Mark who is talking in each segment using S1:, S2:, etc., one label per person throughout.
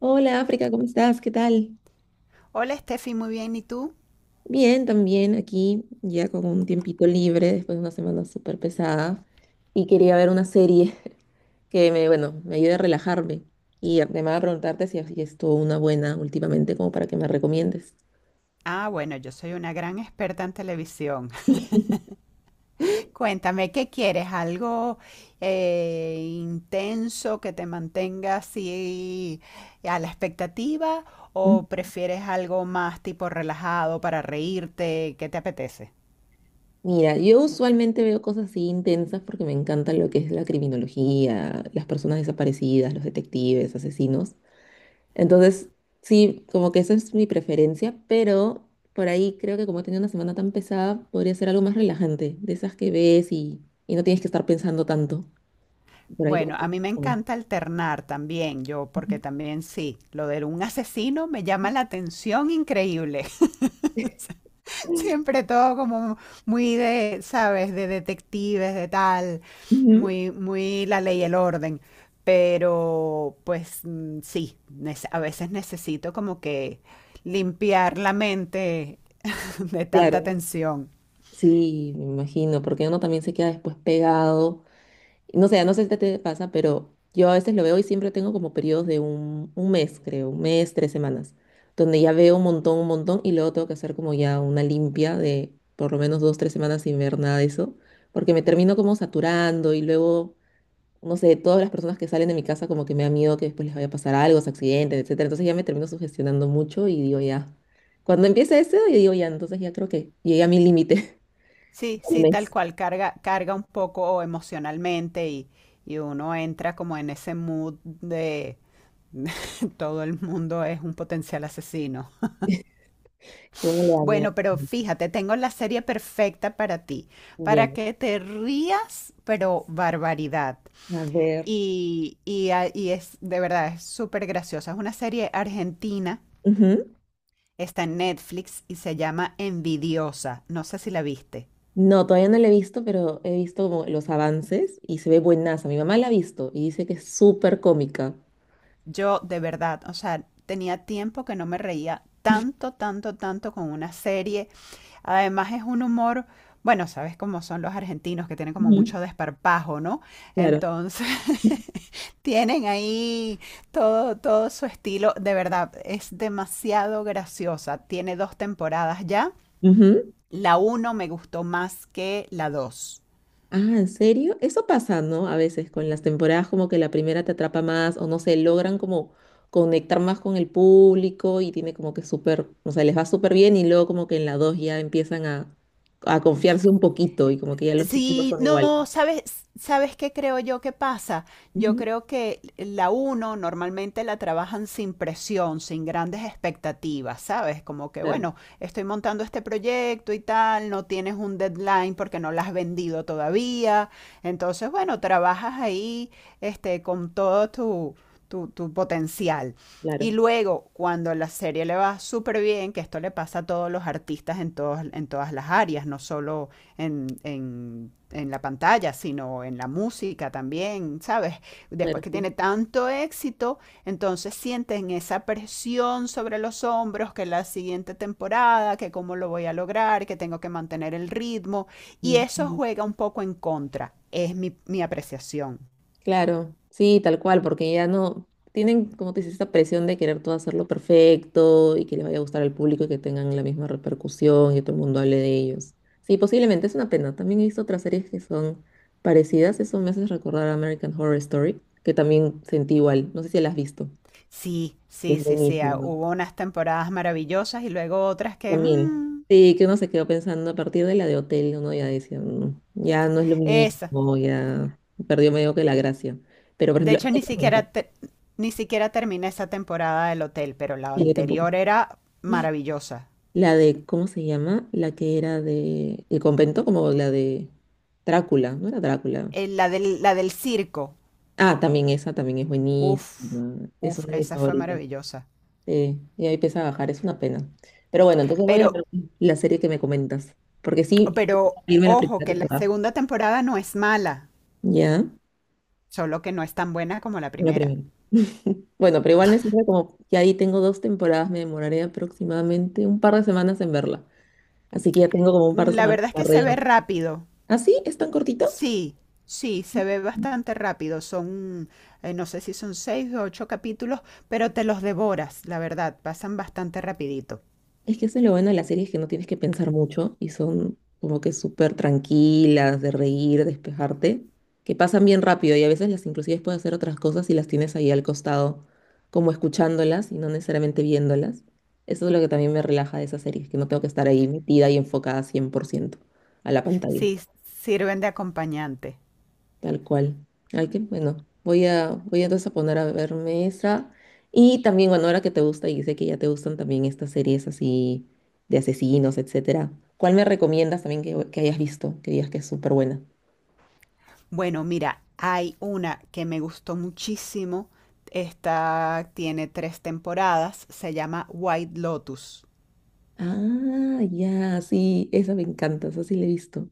S1: Hola África, ¿cómo estás? ¿Qué tal?
S2: Hola Steffi, muy bien, ¿y tú?
S1: Bien, también aquí, ya con un tiempito libre después de una semana súper pesada. Y quería ver una serie que me, bueno, me ayude a relajarme. Y además a preguntarte si has visto una buena últimamente, como para que me recomiendes.
S2: Ah, bueno, yo soy una gran experta en televisión. Cuéntame, ¿qué quieres? ¿Algo intenso que te mantenga así a la expectativa
S1: Mm.
S2: o prefieres algo más tipo relajado para reírte? ¿Qué te apetece?
S1: Mira, yo usualmente veo cosas así intensas porque me encanta lo que es la criminología, las personas desaparecidas, los detectives, asesinos. Entonces, sí, como que esa es mi preferencia, pero por ahí creo que como he tenido una semana tan pesada, podría ser algo más relajante, de esas que ves y no tienes que estar pensando tanto. Por ahí, como
S2: Bueno, a mí me
S1: que-
S2: encanta alternar también, yo, porque
S1: Ujú.
S2: también sí, lo de un asesino me llama la atención increíble. Siempre todo como muy de, ¿sabes? De detectives, de tal,
S1: Ujú.
S2: muy, muy la ley y el orden. Pero pues sí, a veces necesito como que limpiar la mente de tanta
S1: Claro,
S2: tensión.
S1: sí, me imagino, porque uno también se queda después pegado. No sé si a ti te pasa, pero yo a veces lo veo y siempre tengo como periodos de un mes, creo, un mes, tres semanas, donde ya veo un montón y luego tengo que hacer como ya una limpia de por lo menos dos, tres semanas sin ver nada de eso, porque me termino como saturando y luego, no sé, todas las personas que salen de mi casa como que me da miedo que después les vaya a pasar algo, se accidentes, etcétera. Entonces ya me termino sugestionando mucho y digo ya, cuando empiece eso, yo digo ya, entonces ya creo que llegué a mi límite
S2: Sí,
S1: del
S2: sí, tal
S1: mes.
S2: cual, carga, carga un poco emocionalmente y uno entra como en ese mood de todo el mundo es un potencial asesino.
S1: ¿Qué me le da miedo?
S2: Bueno, pero fíjate, tengo la serie perfecta para ti,
S1: Ya,
S2: para que te rías, pero barbaridad.
S1: a ver.
S2: Y es de verdad, es súper graciosa. Es una serie argentina,
S1: Ujú.
S2: está en Netflix y se llama Envidiosa. No sé si la viste.
S1: No, todavía no la he visto, pero he visto como los avances y se ve buenaza. Mi mamá la ha visto y dice que es súper cómica.
S2: Yo, de verdad, o sea, tenía tiempo que no me reía tanto, tanto, tanto con una serie. Además es un humor, bueno, sabes cómo son los argentinos que tienen como
S1: Ujú.
S2: mucho desparpajo, ¿no?
S1: Claro.
S2: Entonces, tienen ahí todo su estilo. De verdad, es demasiado graciosa. Tiene dos temporadas ya.
S1: Ujú.
S2: La uno me gustó más que la dos.
S1: Ah, ¿en serio? Eso pasa, ¿no? A veces con las temporadas como que la primera te atrapa más o no sé, logran como conectar más con el público y tiene como que súper, o sea, les va súper bien y luego como que en la dos ya empiezan a confiarse un poquito y como que ya los chistes no
S2: Sí,
S1: son iguales.
S2: no, ¿sabes qué creo yo que pasa? Yo
S1: Ujú.
S2: creo que la uno normalmente la trabajan sin presión, sin grandes expectativas, ¿sabes? Como que,
S1: Claro,
S2: bueno, estoy montando este proyecto y tal, no tienes un deadline porque no la has vendido todavía. Entonces, bueno, trabajas ahí, este, con todo tu potencial. Y
S1: claro,
S2: luego, cuando la serie le va súper bien, que esto le pasa a todos los artistas en todos, en todas las áreas, no solo en la pantalla, sino en la música también, ¿sabes? Después
S1: claro,
S2: que
S1: sí.
S2: tiene tanto éxito, entonces sienten esa presión sobre los hombros que la siguiente temporada, que cómo lo voy a lograr, que tengo que mantener el ritmo, y eso
S1: Ujú.
S2: juega un poco en contra. Es mi apreciación.
S1: Claro, sí, tal cual, porque ya no tienen, como te dices, esta presión de querer todo hacerlo perfecto y que les vaya a gustar al público y que tengan la misma repercusión y que todo el mundo hable de ellos. Sí, posiblemente es una pena. También he visto otras series que son parecidas. Eso me hace recordar a American Horror Story, que también sentí igual. No sé si la has visto.
S2: Sí, sí,
S1: Es
S2: sí, sí.
S1: buenísimo.
S2: Hubo unas temporadas maravillosas y luego otras que...
S1: También. Sí, que uno se quedó pensando a partir de la de Hotel, uno ya decía, "Mm, ya no es lo
S2: esa,
S1: mismo, ya perdió medio que la gracia". Pero, por
S2: De
S1: ejemplo, esa
S2: hecho,
S1: me encanta.
S2: ni siquiera terminé esa temporada del hotel, pero la
S1: Sí, yo tampoco.
S2: anterior era maravillosa.
S1: La de, ¿cómo se llama? La que era de El convento, como la de Drácula, ¿no era Drácula?
S2: La del circo,
S1: Ah, también esa, también es buenísima.
S2: uf,
S1: Es
S2: uf,
S1: una de mis
S2: esa fue
S1: favoritas.
S2: maravillosa.
S1: Sí, y ahí empieza a bajar, es una pena. Pero bueno, entonces voy a
S2: Pero,
S1: ver la serie que me comentas, porque sí,
S2: pero,
S1: irme la
S2: Ojo,
S1: primera
S2: que la
S1: temporada.
S2: segunda temporada no es mala,
S1: Ya,
S2: solo que no es tan buena como la
S1: la
S2: primera.
S1: primera. Bueno, pero igual me sirve como que ahí tengo dos temporadas, me demoraré aproximadamente un par de semanas en verla. Así que ya tengo como un par de
S2: La
S1: semanas
S2: verdad es que
S1: para
S2: se ve
S1: reírme.
S2: rápido.
S1: ¿Ah, sí? ¿Es tan cortita?
S2: Sí, sí, se ve bastante rápido. Son, no sé si son seis o ocho capítulos, pero te los devoras, la verdad, pasan bastante rapidito.
S1: Es que eso es lo bueno de las series, que no tienes que pensar mucho y son como que súper tranquilas, de reír, despejarte, que pasan bien rápido y a veces las inclusive puedes hacer otras cosas y las tienes ahí al costado, como escuchándolas y no necesariamente viéndolas. Eso es lo que también me relaja de esas series, que no tengo que estar ahí metida y enfocada 100% a la pantalla.
S2: Sí, sirven de acompañante.
S1: Tal cual. Ay, que bueno. Voy a, voy entonces a poner a verme esa. Y también, bueno, ahora que te gusta y sé que ya te gustan también estas series así de asesinos, etcétera. ¿Cuál me recomiendas también que hayas visto? Que digas que es súper buena.
S2: Bueno, mira, hay una que me gustó muchísimo. Esta tiene tres temporadas. Se llama White Lotus.
S1: Ah, ya, sí, esa me encanta, esa sí la he visto.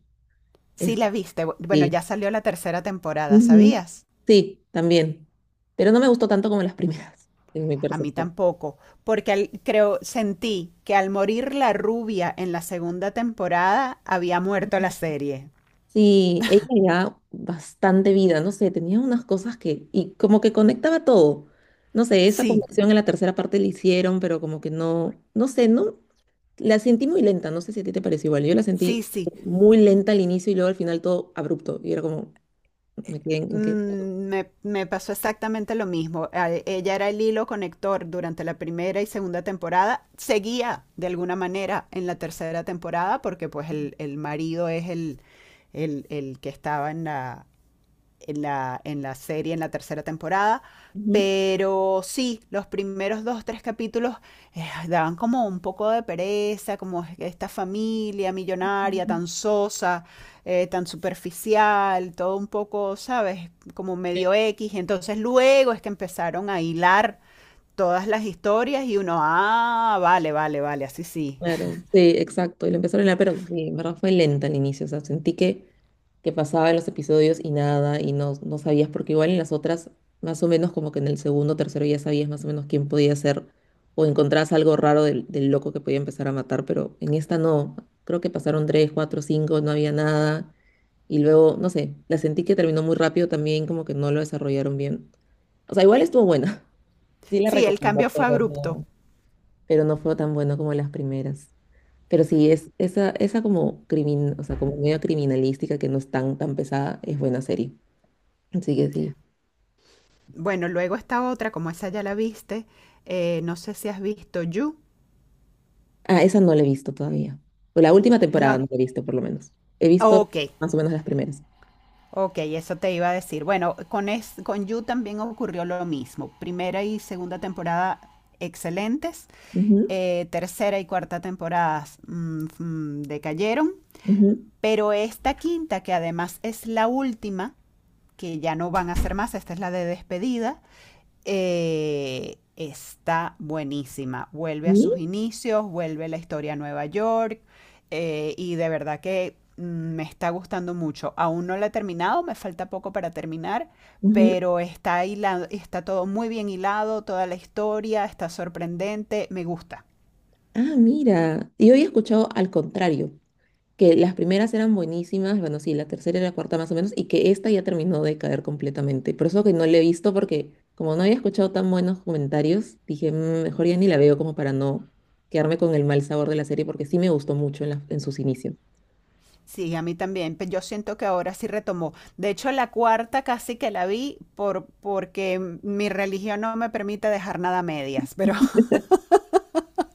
S2: Sí
S1: Es,
S2: la viste. Bueno,
S1: sí.
S2: ya salió la tercera temporada,
S1: Ujú.
S2: ¿sabías?
S1: Sí, también. Pero no me gustó tanto como las primeras, en mi
S2: A mí
S1: percepción.
S2: tampoco, porque creo, sentí que al morir la rubia en la segunda temporada había muerto la serie.
S1: Sí, ella le daba bastante vida, no sé, tenía unas cosas que, y como que conectaba todo. No sé, esa
S2: Sí,
S1: conexión en la tercera parte la hicieron, pero como que no, no sé, no, la sentí muy lenta, no sé si a ti te pareció igual, yo la
S2: sí,
S1: sentí
S2: sí.
S1: muy lenta al inicio y luego al final todo abrupto, y era como, me quedé en que...
S2: Me pasó exactamente lo mismo. Ella era el hilo conector durante la primera y segunda temporada. Seguía de alguna manera en la tercera temporada porque pues el marido es el que estaba en la serie, en la tercera temporada.
S1: Ujú.
S2: Pero sí, los primeros dos, tres capítulos daban como un poco de pereza, como esta familia millonaria tan sosa, tan superficial, todo un poco, ¿sabes? Como medio X. Entonces luego es que empezaron a hilar todas las historias y uno, ah, vale, vale, vale, así sí.
S1: Claro, sí, exacto. Y lo empezaron a, pero sí, en verdad fue lenta al inicio. O sea, sentí que pasaba en los episodios y nada, y no, no sabías, porque igual en las otras, más o menos como que en el segundo o tercero ya sabías más o menos quién podía ser, o encontrabas algo raro del loco que podía empezar a matar, pero en esta no. Creo que pasaron tres, cuatro, cinco, no había nada. Y luego, no sé, la sentí que terminó muy rápido también, como que no lo desarrollaron bien. O sea, igual estuvo buena. Sí la
S2: Sí, el cambio
S1: recomiendo,
S2: fue abrupto.
S1: pero no fue tan bueno como las primeras. Pero sí, es esa, esa como crimin, o sea, como medio criminalística, que no es tan, tan pesada, es buena serie. Así que sí.
S2: Bueno, luego está otra, como esa ya la viste, no sé si has visto You.
S1: Ah, esa no la he visto todavía. O la última temporada
S2: No,
S1: no la he visto, por lo menos. He visto
S2: ok,
S1: más o menos las primeras.
S2: ok, eso te iba a decir. Bueno, con You también ocurrió lo mismo. Primera y segunda temporada excelentes,
S1: Ujú,
S2: tercera y cuarta temporadas decayeron,
S1: ujú.
S2: pero esta quinta, que además es la última, que ya no van a hacer más, esta es la de despedida. Está buenísima. Vuelve a
S1: ¿Y?
S2: sus inicios, vuelve la historia a Nueva York, y de verdad que me está gustando mucho. Aún no la he terminado, me falta poco para terminar,
S1: Ujú.
S2: pero está hilado, está todo muy bien hilado, toda la historia está sorprendente, me gusta.
S1: Ah, mira. Yo había escuchado al contrario, que las primeras eran buenísimas, bueno, sí, la tercera y la cuarta más o menos, y que esta ya terminó de caer completamente. Por eso que no la he visto, porque como no había escuchado tan buenos comentarios, dije, "Mm, mejor ya ni la veo como para no quedarme con el mal sabor de la serie, porque sí me gustó mucho en, en sus inicios".
S2: Sí, a mí también. Yo siento que ahora sí retomó. De hecho, la cuarta casi que la vi porque mi religión no me permite dejar nada a medias. Pero,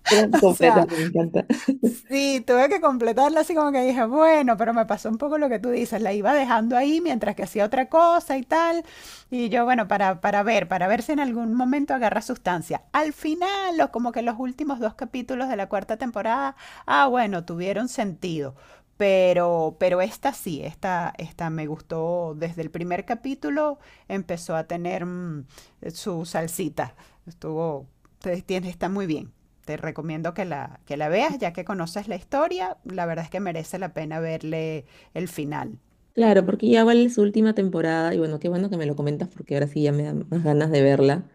S1: Era
S2: o
S1: completa,
S2: sea,
S1: me encanta.
S2: sí, tuve que completarla así como que dije, bueno, pero me pasó un poco lo que tú dices, la iba dejando ahí mientras que hacía otra cosa y tal, y yo, bueno, para ver, para ver si en algún momento agarra sustancia. Al final, o como que los últimos dos capítulos de la cuarta temporada, ah, bueno, tuvieron sentido, pero esta sí, esta me gustó desde el primer capítulo, empezó a tener su salsita, estuvo, está muy bien. Te recomiendo que la veas, ya que conoces la historia, la verdad es que merece la pena verle el final.
S1: Claro, porque ya vale su última temporada, y bueno, qué bueno que me lo comentas, porque ahora sí ya me dan más ganas de verla,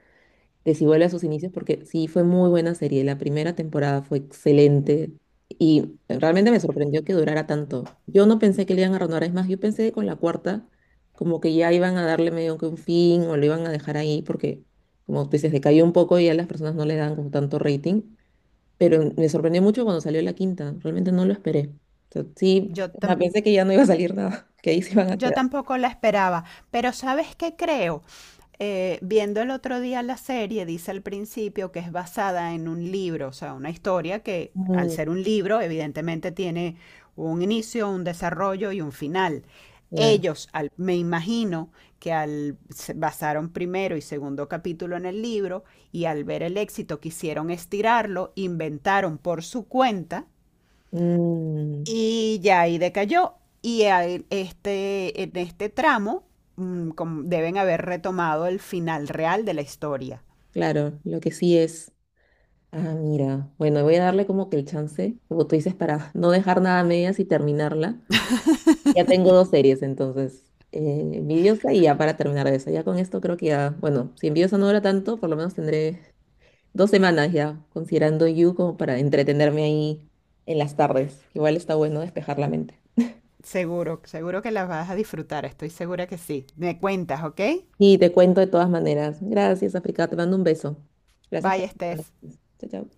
S1: de si vuelve a sus inicios, porque sí fue muy buena serie. La primera temporada fue excelente y realmente me sorprendió que durara tanto. Yo no pensé que le iban a renovar, es más, yo pensé que con la cuarta como que ya iban a darle medio que un fin o lo iban a dejar ahí porque, como tú dices, decayó un poco y a las personas no le dan como tanto rating, pero me sorprendió mucho cuando salió la quinta, realmente no lo esperé. O sea, sí,
S2: Yo
S1: o sea, pensé que ya no iba a salir nada, que ahí se iban a
S2: Yo
S1: quedar.
S2: tampoco la esperaba, pero ¿sabes qué creo? Viendo el otro día la serie, dice al principio que es basada en un libro, o sea, una historia que al
S1: Mm,
S2: ser un libro, evidentemente tiene un inicio, un desarrollo y un final.
S1: claro.
S2: Ellos, me imagino que al se basaron primero y segundo capítulo en el libro y al ver el éxito quisieron estirarlo, inventaron por su cuenta
S1: Mm,
S2: y ya ahí decayó. Y ahí, este, en este tramo deben haber retomado el final real de la historia.
S1: claro, lo que sí es... Ah, mira. Bueno, voy a darle como que el chance, como tú dices, para no dejar nada a medias y terminarla. Ya tengo dos series, entonces. Vidiosa y ya para terminar eso. Ya con esto creo que ya, bueno, si Envidiosa no dura tanto, por lo menos tendré dos semanas ya, considerando You como para entretenerme ahí en las tardes. Igual está bueno despejar la mente.
S2: Seguro, seguro que las vas a disfrutar, estoy segura que sí. Me cuentas, ¿ok?
S1: Y te cuento de todas maneras. Gracias, África. Te mando un beso. Gracias por
S2: Bye,
S1: las
S2: Steph.
S1: recomendaciones. Chao, chao.